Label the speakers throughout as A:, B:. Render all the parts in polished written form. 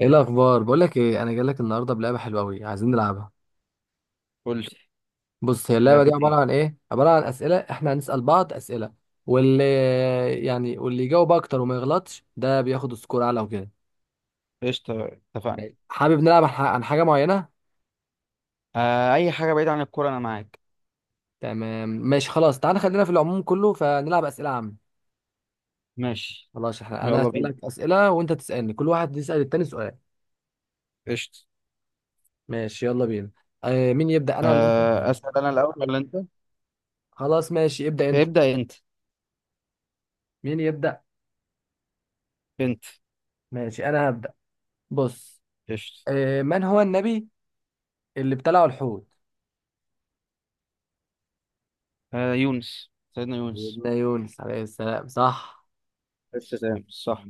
A: ايه الاخبار؟ بقول لك ايه، انا جاي لك النهارده بلعبه حلوه قوي، عايزين نلعبها.
B: قول لي.
A: بص، هي اللعبه دي عباره
B: لعبتين.
A: عن ايه؟ عباره عن اسئله، احنا هنسال بعض اسئله. واللي واللي يجاوب اكتر وما يغلطش ده بياخد سكور اعلى وكده.
B: قشطة. اتفقنا.
A: ماشي. حابب نلعب عن حاجه معينه؟
B: أي حاجة بعيدة عن الكورة، أنا معاك.
A: تمام ماشي خلاص، تعال خلينا في العموم كله فنلعب اسئله عامه.
B: ماشي،
A: خلاص، انا
B: يلا بينا.
A: هسالك اسئله وانت تسالني، كل واحد يسال التاني سؤال.
B: قشطة.
A: ماشي يلا بينا. مين يبدا، انا ولا انت؟
B: أسأل أنا الأول ولا أنت؟
A: خلاص ماشي، ابدا انت.
B: ابدأ أنت.
A: مين يبدا؟
B: أنت.
A: ماشي انا هبدا. بص.
B: قشطة.
A: من هو النبي اللي ابتلعوا الحوت؟
B: آه يونس سيدنا يونس.
A: سيدنا يونس عليه السلام، صح.
B: قشطة، تمام، صح.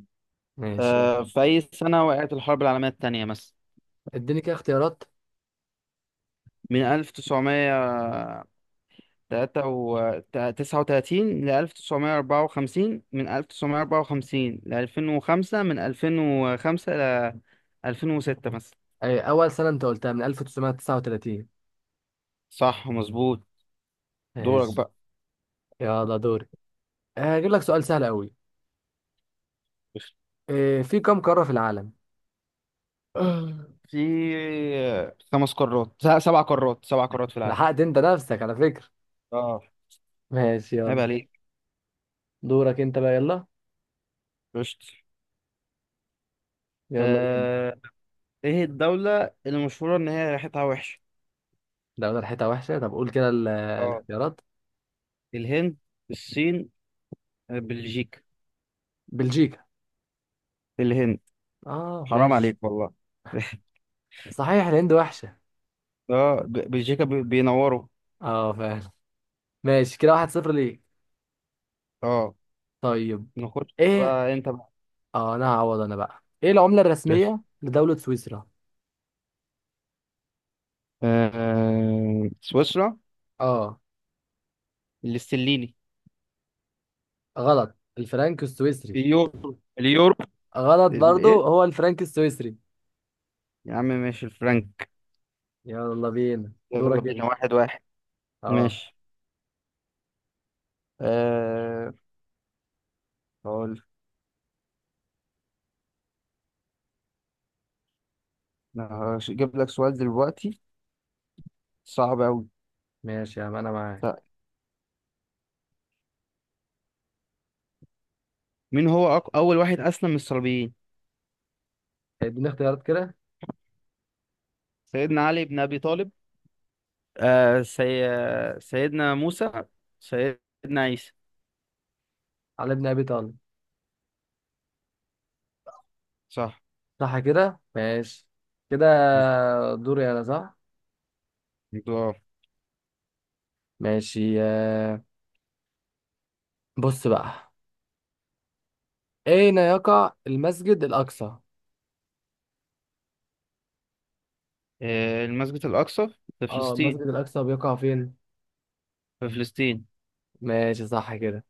A: ماشي يلا.
B: في أي سنة وقعت الحرب العالمية التانية مثلا؟
A: اديني كده اختيارات.
B: من 1939 ل 1954، من 1954 ل 2005، من 2005 ل 2006 مثلا.
A: اول سنة انت قلتها، من 1939.
B: صح مظبوط. دورك
A: ماشي
B: بقى.
A: يلا دوري. هجيب لك سؤال سهل قوي. في كم قارة في العالم؟
B: في سبع قارات، سبع قارات في العالم.
A: لحقت انت نفسك على فكرة.
B: اه.
A: ماشي
B: عيب
A: يلا.
B: عليك.
A: دورك انت بقى، يلا.
B: رشت.
A: يلا بينا.
B: آه... ايه الدولة اللي مشهورة ان هي ريحتها وحشة؟
A: ده ريحتها وحشة، طب قول كده ال-
B: اه.
A: الاختيارات
B: الهند، الصين، بلجيكا.
A: بلجيكا.
B: الهند.
A: اه
B: حرام
A: ماشي.
B: عليك والله.
A: صحيح الهند وحشة.
B: بلجيكا بينوروا.
A: اه فعلا. ماشي كده، واحد صفر ليك.
B: اه،
A: طيب.
B: نخش
A: ايه؟
B: بقى انت بقى.
A: اه انا هعوض، انا بقى ايه العملة
B: ايش؟
A: الرسمية لدولة سويسرا؟
B: سويسرا.
A: اه.
B: الاستليني.
A: غلط، الفرنك السويسري.
B: اليورو، اليورو.
A: غلط برضو،
B: الايه؟
A: هو الفرنك السويسري.
B: يا عم ماشي الفرنك.
A: يلا بينا،
B: يلا
A: دورك
B: بينا،
A: انت.
B: واحد واحد.
A: اه
B: ماشي. أه هقول. أنا هجيب لك سؤال دلوقتي صعب أوي.
A: ماشي يا عم، انا معاك.
B: لا، مين هو أول واحد أسلم من الصليبيين؟
A: طيب اديني اختيارات كده.
B: سيدنا علي بن أبي طالب، آه سي... سيدنا موسى، سيدنا عيسى.
A: على ابن ابي طالب.
B: صح
A: صح كده، ماشي كده.
B: مظبوط.
A: دوري انا، صح.
B: مظبوط.
A: ماشي. بص بقى. اين يقع المسجد الاقصى؟
B: المسجد الأقصى في
A: اه، المسجد
B: فلسطين.
A: الاقصى بيقع فين؟
B: في فلسطين.
A: ماشي صح كده.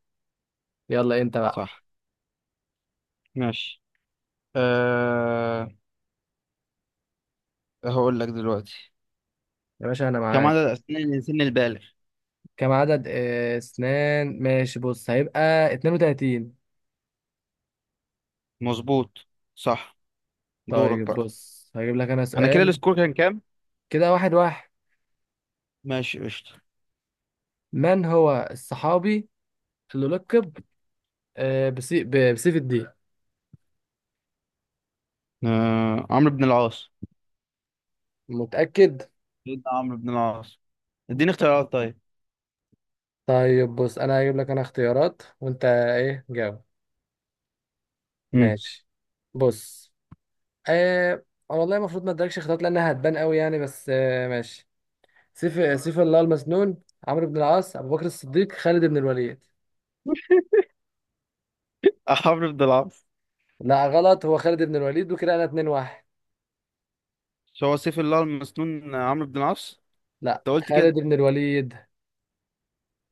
A: يلا انت بقى.
B: صح. ماشي. أه هقول لك دلوقتي.
A: يا باشا انا
B: كم
A: معاك.
B: عدد أسنان الإنسان البالغ؟
A: كم عدد اسنان، ماشي بص، هيبقى 32.
B: مظبوط صح. دورك
A: طيب
B: بقى.
A: بص هجيب لك انا
B: أنا كده
A: سؤال.
B: السكور كان كام؟
A: كده واحد واحد.
B: ماشي قشطة.
A: من هو الصحابي اللي لقب بسيف الدين؟
B: عمرو بن العاص.
A: متأكد؟
B: سيدنا عمرو بن العاص. اديني اختيارات طيب.
A: طيب بص، انا هجيب لك انا اختيارات وانت ايه جاوب.
B: امم
A: ماشي. بص. آه والله المفروض ما ادركش اختيارات لانها هتبان قوي يعني، بس ماشي. سيف الله المسنون: عمرو بن العاص، ابو بكر الصديق، خالد بن الوليد.
B: عمرو بن العاص.
A: لا غلط، هو خالد بن الوليد، وكده انا 2 1.
B: مش هو سيف الله المسنون عمرو بن العاص؟
A: لا،
B: انت قلت
A: خالد
B: كده.
A: بن الوليد.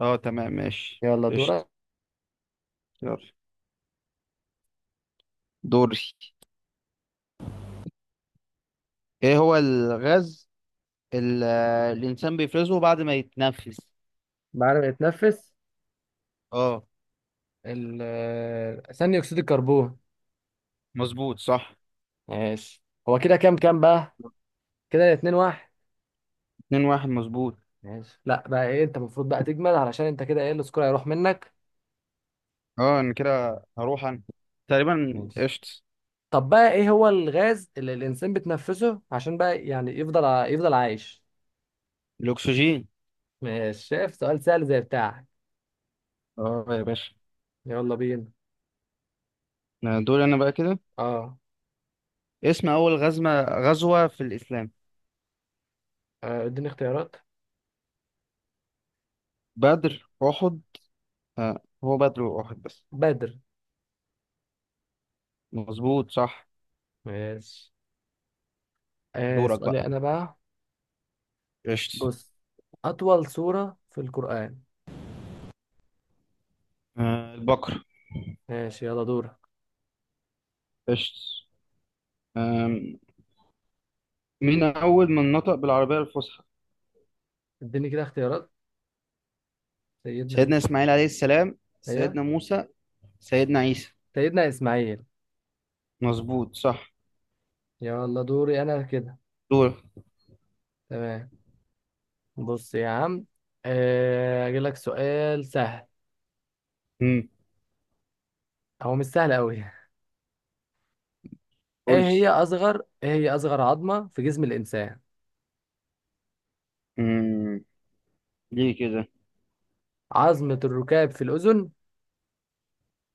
B: اه تمام، ماشي
A: يلا دور.
B: قشطة. يلا دوري. ايه هو الغاز اللي الانسان بيفرزه بعد ما يتنفس؟
A: بعد ما يتنفس.
B: اه.
A: ثاني اكسيد الكربون.
B: مظبوط صح.
A: ماشي. هو كده كام بقى؟ كده اتنين واحد.
B: اتنين واحد، مظبوط.
A: ماشي. لا بقى، ايه انت المفروض بقى تجمل، علشان انت كده، ايه، السكور هيروح منك.
B: اه، انا كده هروح انا تقريبا،
A: ماشي.
B: قشطة.
A: طب بقى، ايه هو الغاز اللي الانسان بتنفسه عشان بقى يعني يفضل عايش؟
B: الاكسجين.
A: ماشي، شايف سؤال سهل زي بتاعك.
B: اه يا باشا.
A: يلا بينا.
B: دوري انا بقى كده.
A: اه.
B: اسم اول غزوة في الاسلام؟
A: اديني اختيارات.
B: بدر، أحد. هو بدر وأحد بس.
A: بدر.
B: مظبوط صح.
A: ماشي.
B: دورك بقى.
A: سؤالي انا بقى.
B: قشط.
A: بص. أطول سورة في القرآن.
B: البقرة.
A: ماشي يلا دورك.
B: قشط. آم، مين أول من نطق بالعربية الفصحى؟
A: اديني كده اختيارات. سيدنا مين؟
B: سيدنا إسماعيل عليه السلام،
A: أيوه.
B: سيدنا موسى، سيدنا عيسى.
A: سيدنا إسماعيل.
B: مظبوط صح.
A: يلا دوري أنا كده.
B: دور.
A: تمام. بص يا عم. أجيب لك سؤال سهل.
B: مم.
A: هو مش سهل أوي. إيه هي
B: قلتي.
A: أصغر إيه هي أصغر عظمة في جسم الإنسان؟
B: مم. ليه كده؟
A: عظمة الركاب في الأذن،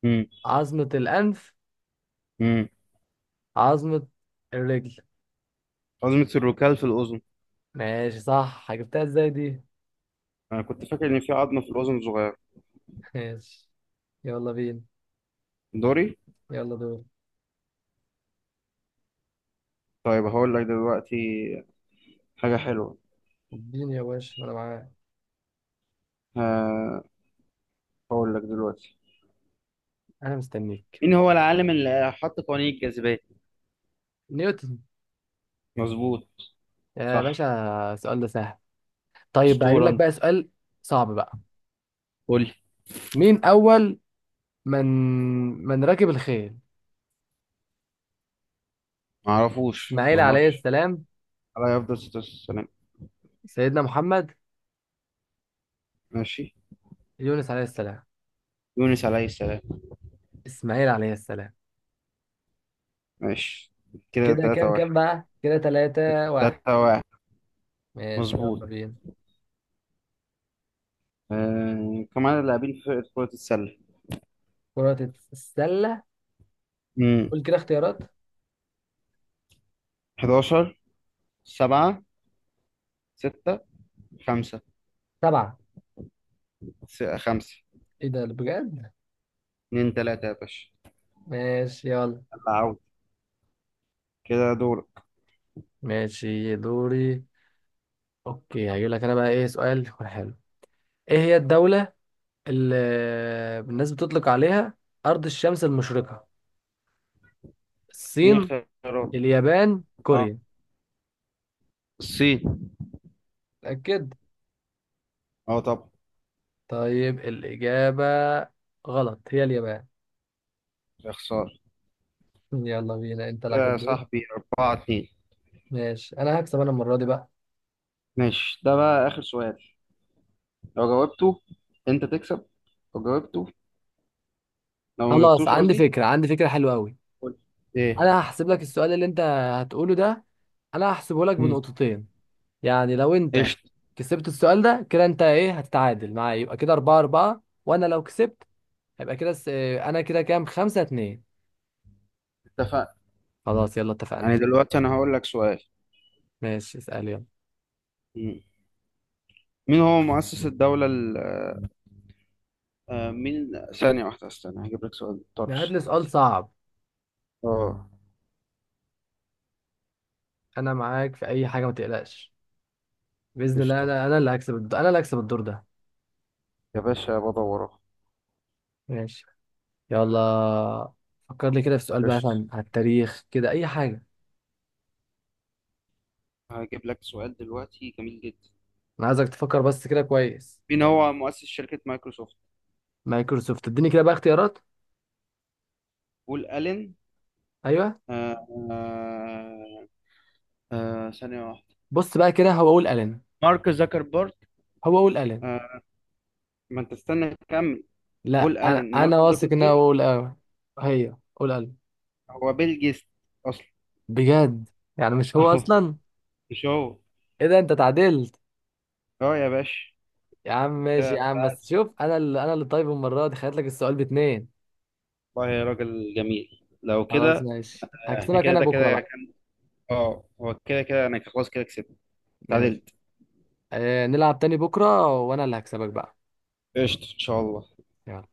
B: مم.
A: عظمة الأنف،
B: مم.
A: عظمة الرجل.
B: عظمة الركال في الأذن.
A: ماشي صح. جبتها إزاي دي؟
B: أنا كنت فاكر إن في عظمة في الأذن صغيرة.
A: ماشي يلا بينا.
B: دوري؟
A: يلا دور.
B: طيب هقول لك دلوقتي حاجة حلوة.
A: اديني يا باشا، أنا معاك.
B: ه- هقول لك دلوقتي.
A: انا مستنيك.
B: مين هو العالم اللي حط قوانين الجاذبية؟
A: نيوتن.
B: مظبوط
A: يا
B: صح.
A: باشا، السؤال ده سهل. طيب هجيب
B: أسطورة
A: لك
B: أنت.
A: بقى سؤال صعب بقى.
B: قول لي.
A: مين اول من من ركب الخيل؟ اسماعيل عليه
B: معرفش.
A: السلام،
B: عليه أفضل الصلاة والسلام.
A: سيدنا محمد،
B: ماشي.
A: يونس عليه السلام.
B: يونس عليه السلام.
A: اسماعيل عليه السلام.
B: ماشي كده
A: كده
B: تلاتة
A: كام
B: واحد.
A: كام بقى؟ كده ثلاثة واحد.
B: تلاتة واحد،
A: ماشي
B: مظبوط.
A: يلا بينا.
B: كم عدد اللاعبين في فرقة كرة السلة؟
A: كرة السلة.
B: مم.
A: قول كده اختيارات.
B: 11، 7، 6، 5،
A: سبعة.
B: 5.
A: ايه ده بجد؟
B: 2 3 يا باشا.
A: ماشي يلا.
B: يلا عود. كده دورك.
A: ماشي دوري. اوكي، هجيب لك انا بقى ايه سؤال يكون حلو. ايه هي الدولة اللي الناس بتطلق عليها أرض الشمس المشرقة؟
B: اديني
A: الصين،
B: اختيارات.
A: اليابان،
B: اه،
A: كوريا.
B: الصين.
A: أكيد.
B: اه طبعا.
A: طيب الإجابة غلط، هي اليابان.
B: يا خسارة.
A: يلا بينا، أنت لك
B: يا
A: الدور.
B: صاحبي. 4 2.
A: ماشي، أنا هكسب أنا المرة دي بقى.
B: ماشي، ده بقى آخر سؤال. لو جاوبته أنت تكسب. لو جاوبته، لو ما
A: خلاص،
B: جاوبتوش
A: عندي
B: قصدي.
A: فكرة عندي فكرة حلوة أوي.
B: قول إيه.
A: أنا هحسب لك السؤال اللي أنت هتقوله ده، أنا هحسبه لك
B: مم.
A: بنقطتين. يعني لو أنت
B: قشطة.
A: كسبت السؤال ده، كده أنت إيه، هتتعادل معايا، يبقى كده أربعة أربعة، وأنا لو كسبت هيبقى كده أنا كده كام، خمسة اتنين.
B: اتفقنا.
A: خلاص يلا اتفقنا.
B: يعني دلوقتي أنا هقول لك سؤال.
A: ماشي اسأل يلا.
B: مم. مين هو مؤسس الدولة ال آه، آه، مين؟ ثانية واحدة استنى، هجيب لك سؤال
A: هات
B: طرش
A: لي سؤال
B: دلوقتي.
A: صعب.
B: اه.
A: انا معاك في اي حاجه، ما تقلقش. باذن الله،
B: قشطة.
A: انا اللي هكسب الدور ده.
B: يا باشا بدور اهو.
A: ماشي يلا. فكر لي كده في سؤال بقى،
B: قشطة.
A: مثلا على التاريخ كده، اي حاجه.
B: هجيب لك سؤال دلوقتي جميل جدا.
A: انا عايزك تفكر بس كده كويس.
B: مين هو مؤسس شركة مايكروسوفت؟
A: مايكروسوفت، اديني كده بقى اختيارات.
B: بول ألين،
A: ايوه.
B: آه آه ثانية واحدة.
A: بص بقى، كده هو اقول الين
B: مارك زكربرج.
A: هو اقول الين
B: ما انت استنى كمل.
A: لا،
B: بول
A: انا
B: الين، مارك
A: انا واثق ان هو
B: زوكربيرج،
A: اقول. هي قول الين؟
B: هو بيل جيتس اصلا.
A: بجد؟ يعني مش هو
B: اهو،
A: اصلا؟
B: مش هو.
A: ايه ده، انت تعادلت.
B: اه يا باشا.
A: يا عم ماشي يا
B: كده
A: عم، بس شوف انا اللي طيب، المره دي خليت لك السؤال باتنين.
B: والله يا راجل جميل لو
A: خلاص
B: كده.
A: ماشي،
B: احنا
A: هكسبك
B: كده،
A: انا
B: ده
A: بكره
B: كده
A: بقى.
B: كان. اه هو كده كده انا خلاص كده كسبت.
A: ماشي.
B: تعادلت.
A: نلعب تاني بكره وانا اللي هكسبك بقى.
B: قشطة ان شاء الله.
A: يلا.